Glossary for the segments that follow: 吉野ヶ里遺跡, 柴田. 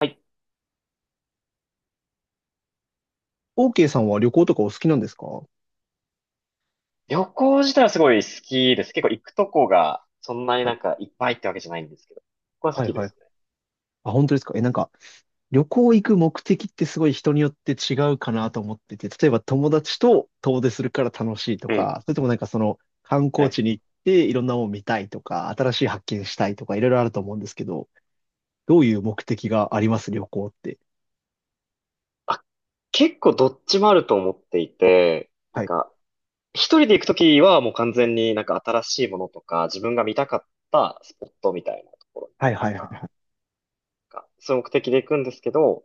はい、OK さんは旅行とかお好きなんですか？は旅行自体はすごい好きです。結構行くとこがそんなにない。んかいっぱいってわけじゃないんですけど、ここは好はいきではい。すあ、本当ですか？なんか、旅行行く目的ってすごい人によって違うかなと思ってて、例えば友達と遠出するから楽しいとね。か、それともなんかその観うん。光ね。地に行っていろんなもの見たいとか、新しい発見したいとか、いろいろあると思うんですけど、どういう目的があります、旅行って？あ、結構どっちもあると思っていて、なはんい。か一人で行くときはもう完全になんか新しいものとか自分が見たかったスポットみたいなところとはいはいはいはか、い。なんかそういう目的で行くんですけど、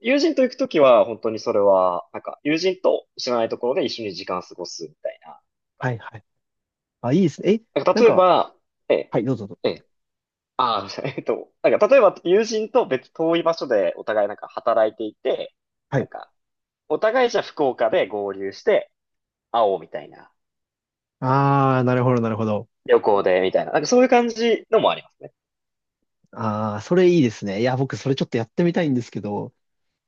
友人と行くときは本当にそれは、なんか友人と知らないところで一緒に時間を過ごすみたいな。はいはい。あ、いいですね。なんかなん例えか、ば、ええ、はい、どうぞどうえぞ。え、ああ、なんか、例えば友人と別遠い場所でお互いなんか働いていて、はなんい。か、お互いじゃあ福岡で合流して会おうみたいな、あー、なるほどなるほど。旅行でみたいな、なんかそういう感じのもありますね。あー、それいいですね。いや、僕それちょっとやってみたいんですけど、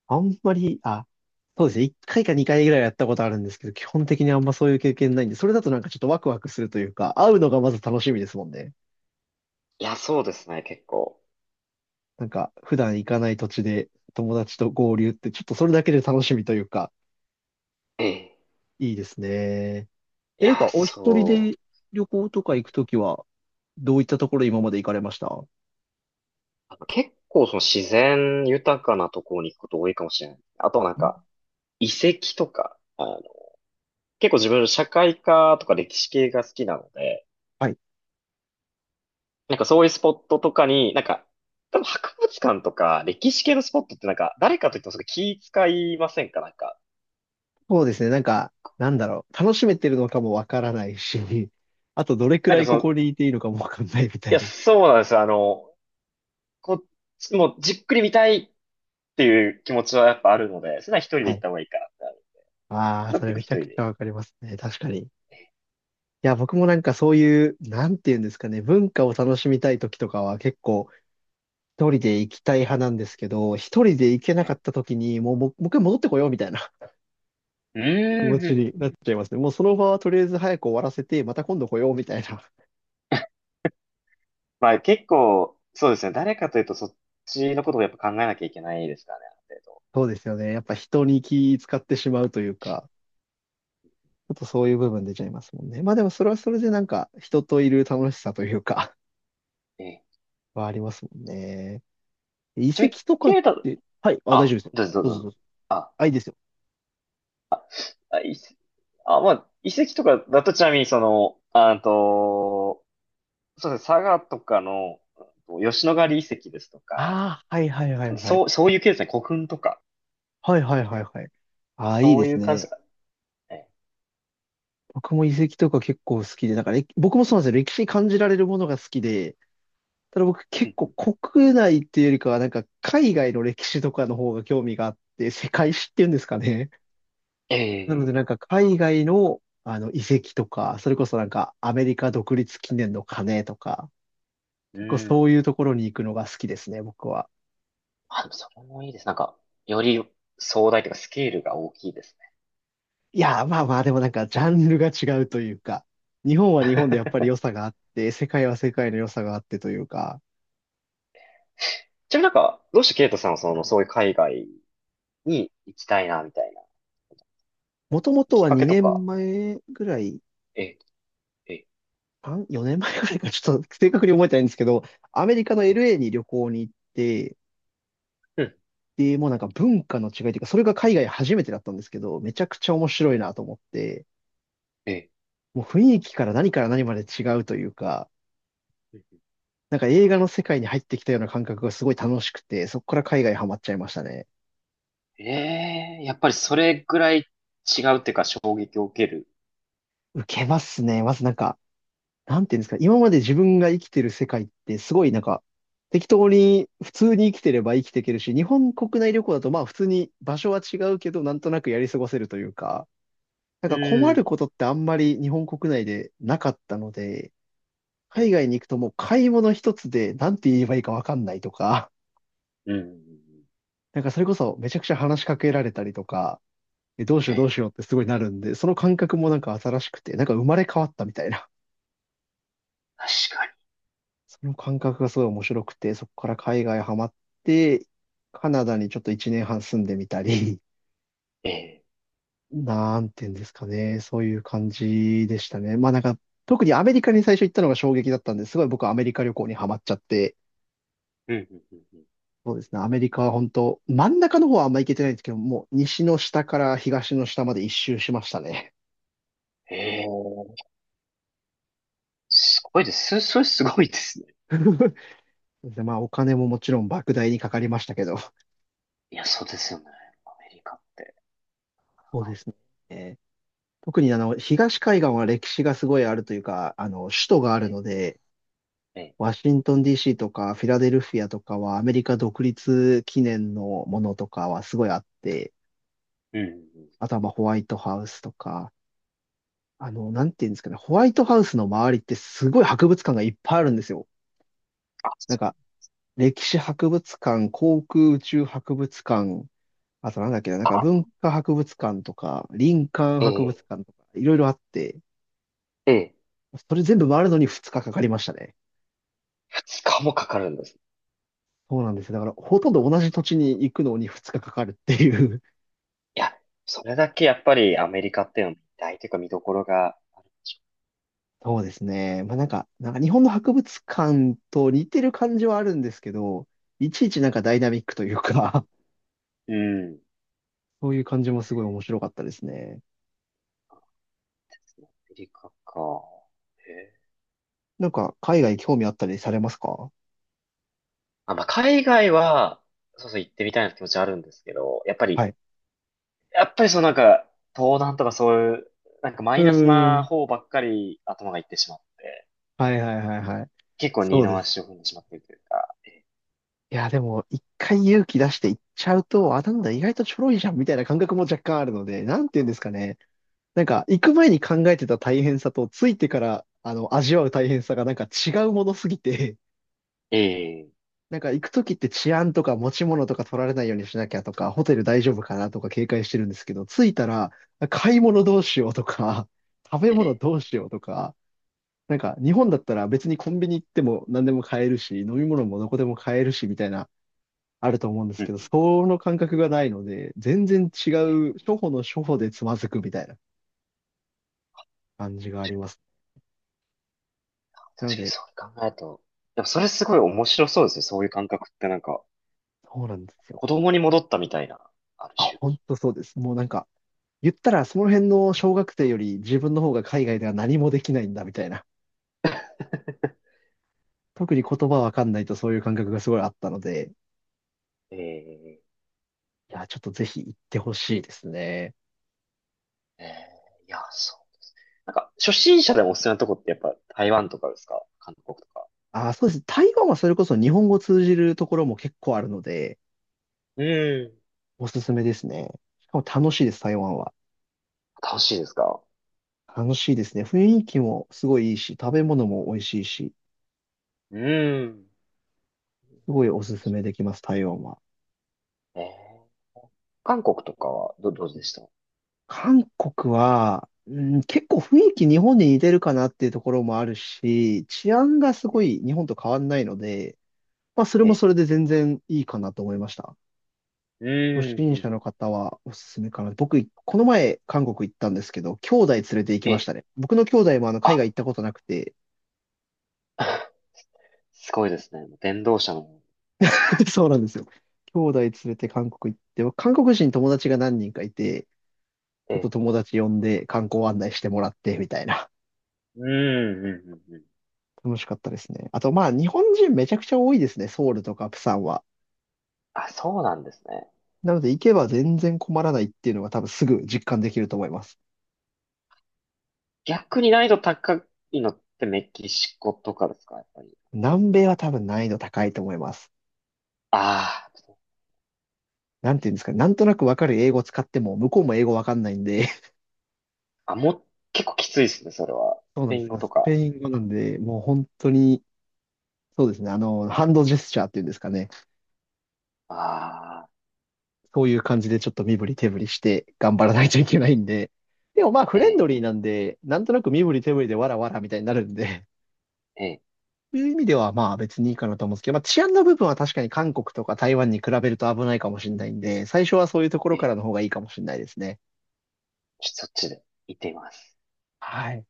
あんまり、あ、そうですね。1回か2回ぐらいはやったことあるんですけど、基本的にあんまそういう経験ないんで、それだとなんかちょっとワクワクするというか、会うのがまず楽しみですもんね。いや、そうですね、結構。なんか、普段行かない土地で友達と合流って、ちょっとそれだけで楽しみというか、ええ。いいですね。いなんや、か、お一人でそ旅行とう。かえ行え、くときは、どういったところ今まで行かれましたん？あと結構その自然豊かなところに行くこと多いかもしれない。あとなんか、遺跡とか、結構自分社会科とか歴史系が好きなので、はい。なんかそういうスポットとかに、なんか、多分博物館とか歴史系のスポットってなんか、誰かといってもそれ気使いませんか？なんか、そうですね。なんか、なんだろう。楽しめてるのかもわからないし、あとどれくなんらかいそこの、いこにいていいのかもわかんないみたいや、な。そうなんですよ。こっちもうじっくり見たいっていう気持ちはやっぱあるので、それは一人では行っい。た方がいいかなってなる。ああ、なんかそ結れ構一めちゃく人ちで。ゃわかりますね。確かに。いや、僕もなんかそういう、なんていうんですかね、文化を楽しみたい時とかは結構一人で行きたい派なんですけど、一人で行けなはかい、った時に、もう一回戻ってこようみたいな う 気ー持ん。うちにん、なっちゃいますね。もうその場はとりあえず早く終わらせて、また今度来ようみたいな。まあ結構、そうですね。誰かというとそっちのことをやっぱ考えなきゃいけないですからね、ある程度。そうですよね。やっぱ人に気使ってしまうというか、ちょっとそういう部分出ちゃいますもんね。まあでもそれはそれでなんか人といる楽しさというか ええ。はありますもんね。遺ちなみに、跡とかっケイタ、て、はい、あ、大丈夫あ、ですよ。どうぞどうぞ。どうぞ、あ、いいですよ。あ、あ、まあ、遺跡とかだとちなみにその、あと、そうですね、佐賀とかの、吉野ヶ里遺跡ですとか、ああ、はいはいはいはい。そういう系ですね、古墳とか、はいはいはいはい。ああ、いいそでういすう感じでね。すかね。僕も遺跡とか結構好きで、だから僕もそうなんですよ。歴史に感じられるものが好きで、ただ僕う結ん構うん、国内っていうよりかは、なんか海外の歴史とかの方が興味があって、世界史っていうんですかね。なのでえなんかえ、海外の、あの遺跡とか、それこそなんかアメリカ独立記念の鐘とか、う結構そうん。いうところに行くのが好きですね、僕は。あ、でもそれもいいです。なんか、より壮大というかスケールが大きいですね。いや、まあまあ、でもなんか、ジャンルが違うというか、日本は日本でやっぱり良 さがあって、世界は世界の良さがあってというか、ちなみになんか、どうしてケイトさんはその、そういう海外に行きたいな、みたいな、もともときっはかけと2か、年前ぐらい、ええ、ええ、3、4年前ぐらいか、ちょっと正確に覚えてないんですけど、アメリカの ええ、LA に旅行に行って、うん、で、もうなんか文化の違いというか、それが海外初めてだったんですけど、めちゃくちゃ面白いなと思って、えもう雰囲気から何から何まで違うというか、え。なんか映画の世界に入ってきたような感覚がすごい楽しくて、そこから海外ハマっちゃいましたね。ええ、やっぱりそれぐらい違うっていうか衝撃を受ける。受けますね。まずなんか、なんていうんですか、今まで自分が生きてる世界ってすごいなんか、適当に普通に生きてれば生きていけるし、日本国内旅行だとまあ普通に場所は違うけど、なんとなくやり過ごせるというか、なんうか困るん。ことってあんまり日本国内でなかったので、え海え、外に行くともう買い物一つでなんて言えばいいかわかんないとか、うん、うんうん、なんかそれこそめちゃくちゃ話しかけられたりとか、どうしよえうどうえ、しようってすごいなるんで、その感覚もなんか新しくて、なんか生まれ変わったみたいな確かその感覚がすごい面白くて、そこから海外ハマって、カナダにちょっと1年半住んでみたり、に。ええ、なんていうんですかね、そういう感じでしたね。まあなんか、特にアメリカに最初行ったのが衝撃だったんですごい僕はアメリカ旅行にハマっちゃって、うん、うん、うんうん、そうですね、アメリカは本当、真ん中の方はあんま行けてないんですけど、もう西の下から東の下まで一周しましたね。ええ、すごいです。それすごいですね。そうですね、まあお金ももちろん莫大にかかりましたけど、いや、そうですよね。アメリカって。そうですね。特にあの、東海岸は歴史がすごいあるというか、あの、首都があえるえ、ので、ええ、ワシントン DC とかフィラデルフィアとかはアメリカ独立記念のものとかはすごいあって、うん、うんうん。あとはまあホワイトハウスとか、あの、なんていうんですかね、ホワイトハウスの周りってすごい博物館がいっぱいあるんですよ。あ、なんそうか、歴史博物館、航空宇宙博物館、あとなんだっけな、なんか文か。化博物館とか、林間え博物え、館とか、いろいろあって、ええ、それ全部回るのに2日かかかりましたね。二日もかかるんです。そうなんですよ。だから、ほとんど同じ土地に行くのに2日かかかるっていう いや、それだけやっぱりアメリカっていうのは大というか見どころがあるでし そうですね。まあなんか日本の博物館と似てる感じはあるんですけど、いちいちなんかダイナミックというか ょう。うん。そういう感じもすごい面白かったですね。アメリカか。ええ、なんか、海外興味あったりされますか？あ、まあ、海外は、そうそう行ってみたいな気持ちはあるんですけど、やっぱはり、い。そのなんか、東南とかそういう、なんかマうイナスーなん。方ばっかり頭がいってしまって、はいはいはいはい。結構二そうのです。足を踏んでしまっているというか、いや、でも、一回勇気出して行っちゃうと、あ、なんだ、意外とちょろいじゃんみたいな感覚も若干あるので、なんて言うんですかね。なんか、行く前に考えてた大変さと、着いてから、あの、味わう大変さがなんか違うものすぎて、ええ、なんか行くときって治安とか持ち物とか取られないようにしなきゃとか、ホテル大丈夫かなとか警戒してるんですけど、着いたら、買い物どうしようとか、食べえ物え、どうしようとか、なんか日本だったら別にコンビニ行っても何でも買えるし、飲み物もどこでも買えるし、みたいな、あると思うんでうすけん、ど、その感覚がないので、全然違ええ、う、初歩の初歩でつまずくみたいな感じがあります。なの確かにで、そう考えると、でもそれすごい面白そうですね、そういう感覚ってなんか、そうなんですよ。子供に戻ったみたいな、あるあ、種。本当そうです。もうなんか、言ったらその辺の小学生より自分の方が海外では何もできないんだみたいな。特に言葉わかんないとそういう感覚がすごいあったので、ええ、いや、ちょっとぜひ行ってほしいですね。ええ、いや、そう。なんか、初心者でもおすすめなとこってやっぱ台湾とかですか？韓国とか。あ、そうです。台湾はそれこそ日本語通じるところも結構あるので、うん。おすすめですね。しかも楽しいです、台湾は。楽しいですか？楽しいですね。雰囲気もすごいいいし、食べ物も美味しいし、うん。すごいおすすめできます、台湾は。えー、韓国とかはどうでした？韓国は、うん、結構雰囲気日本に似てるかなっていうところもあるし、治安がすごえ、い日本と変わんないので、まあそれもえ、それで全然いいかなと思いました。う初ん。心う者のん、方はおすすめかな。僕、この前韓国行ったんですけど、兄弟連れて行きえ、ましえ、たね。僕の兄弟もあの海あ、外行ったことなくて、すごいですね。電動車の。 そうなんですよ。兄弟連れて韓国行って、韓国人友達が何人かいて、ちょっえ。と友達呼んで観光案内してもらってみたいな。うんうん。うんうん、楽しかったですね。あと、まあ、日本人めちゃくちゃ多いですね。ソウルとかプサンは。あ、そうなんですね。なので、行けば全然困らないっていうのが多分すぐ実感できると思います。逆に難易度高いのってメキシコとかですか？やっぱり。南米はあ多分難易度高いと思います。あー、なんていうんですかね、なんとなくわかる英語使っても、向こうも英語わかんないんで、あ、もう、結構きついですね、それは。そスうなペんでイすン語よ。とスペか。イン語なんで、もう本当に、そうですね。あの、ハンドジェスチャーっていうんですかね。ああ、そういう感じでちょっと身振り手振りして頑張らないといけなえ、いんで。でもまあ、フレンえ、ドリーなんで、なんとなく身振り手振りでわらわらみたいになるんで、え、いう意味では、まあ別にいいかなと思うんですけど、まあ治安の部分は確かに韓国とか台湾に比べると危ないかもしれないんで、最初はそういうところえ、からの方がいいかもしれないですね。そっちで行ってみます。はい。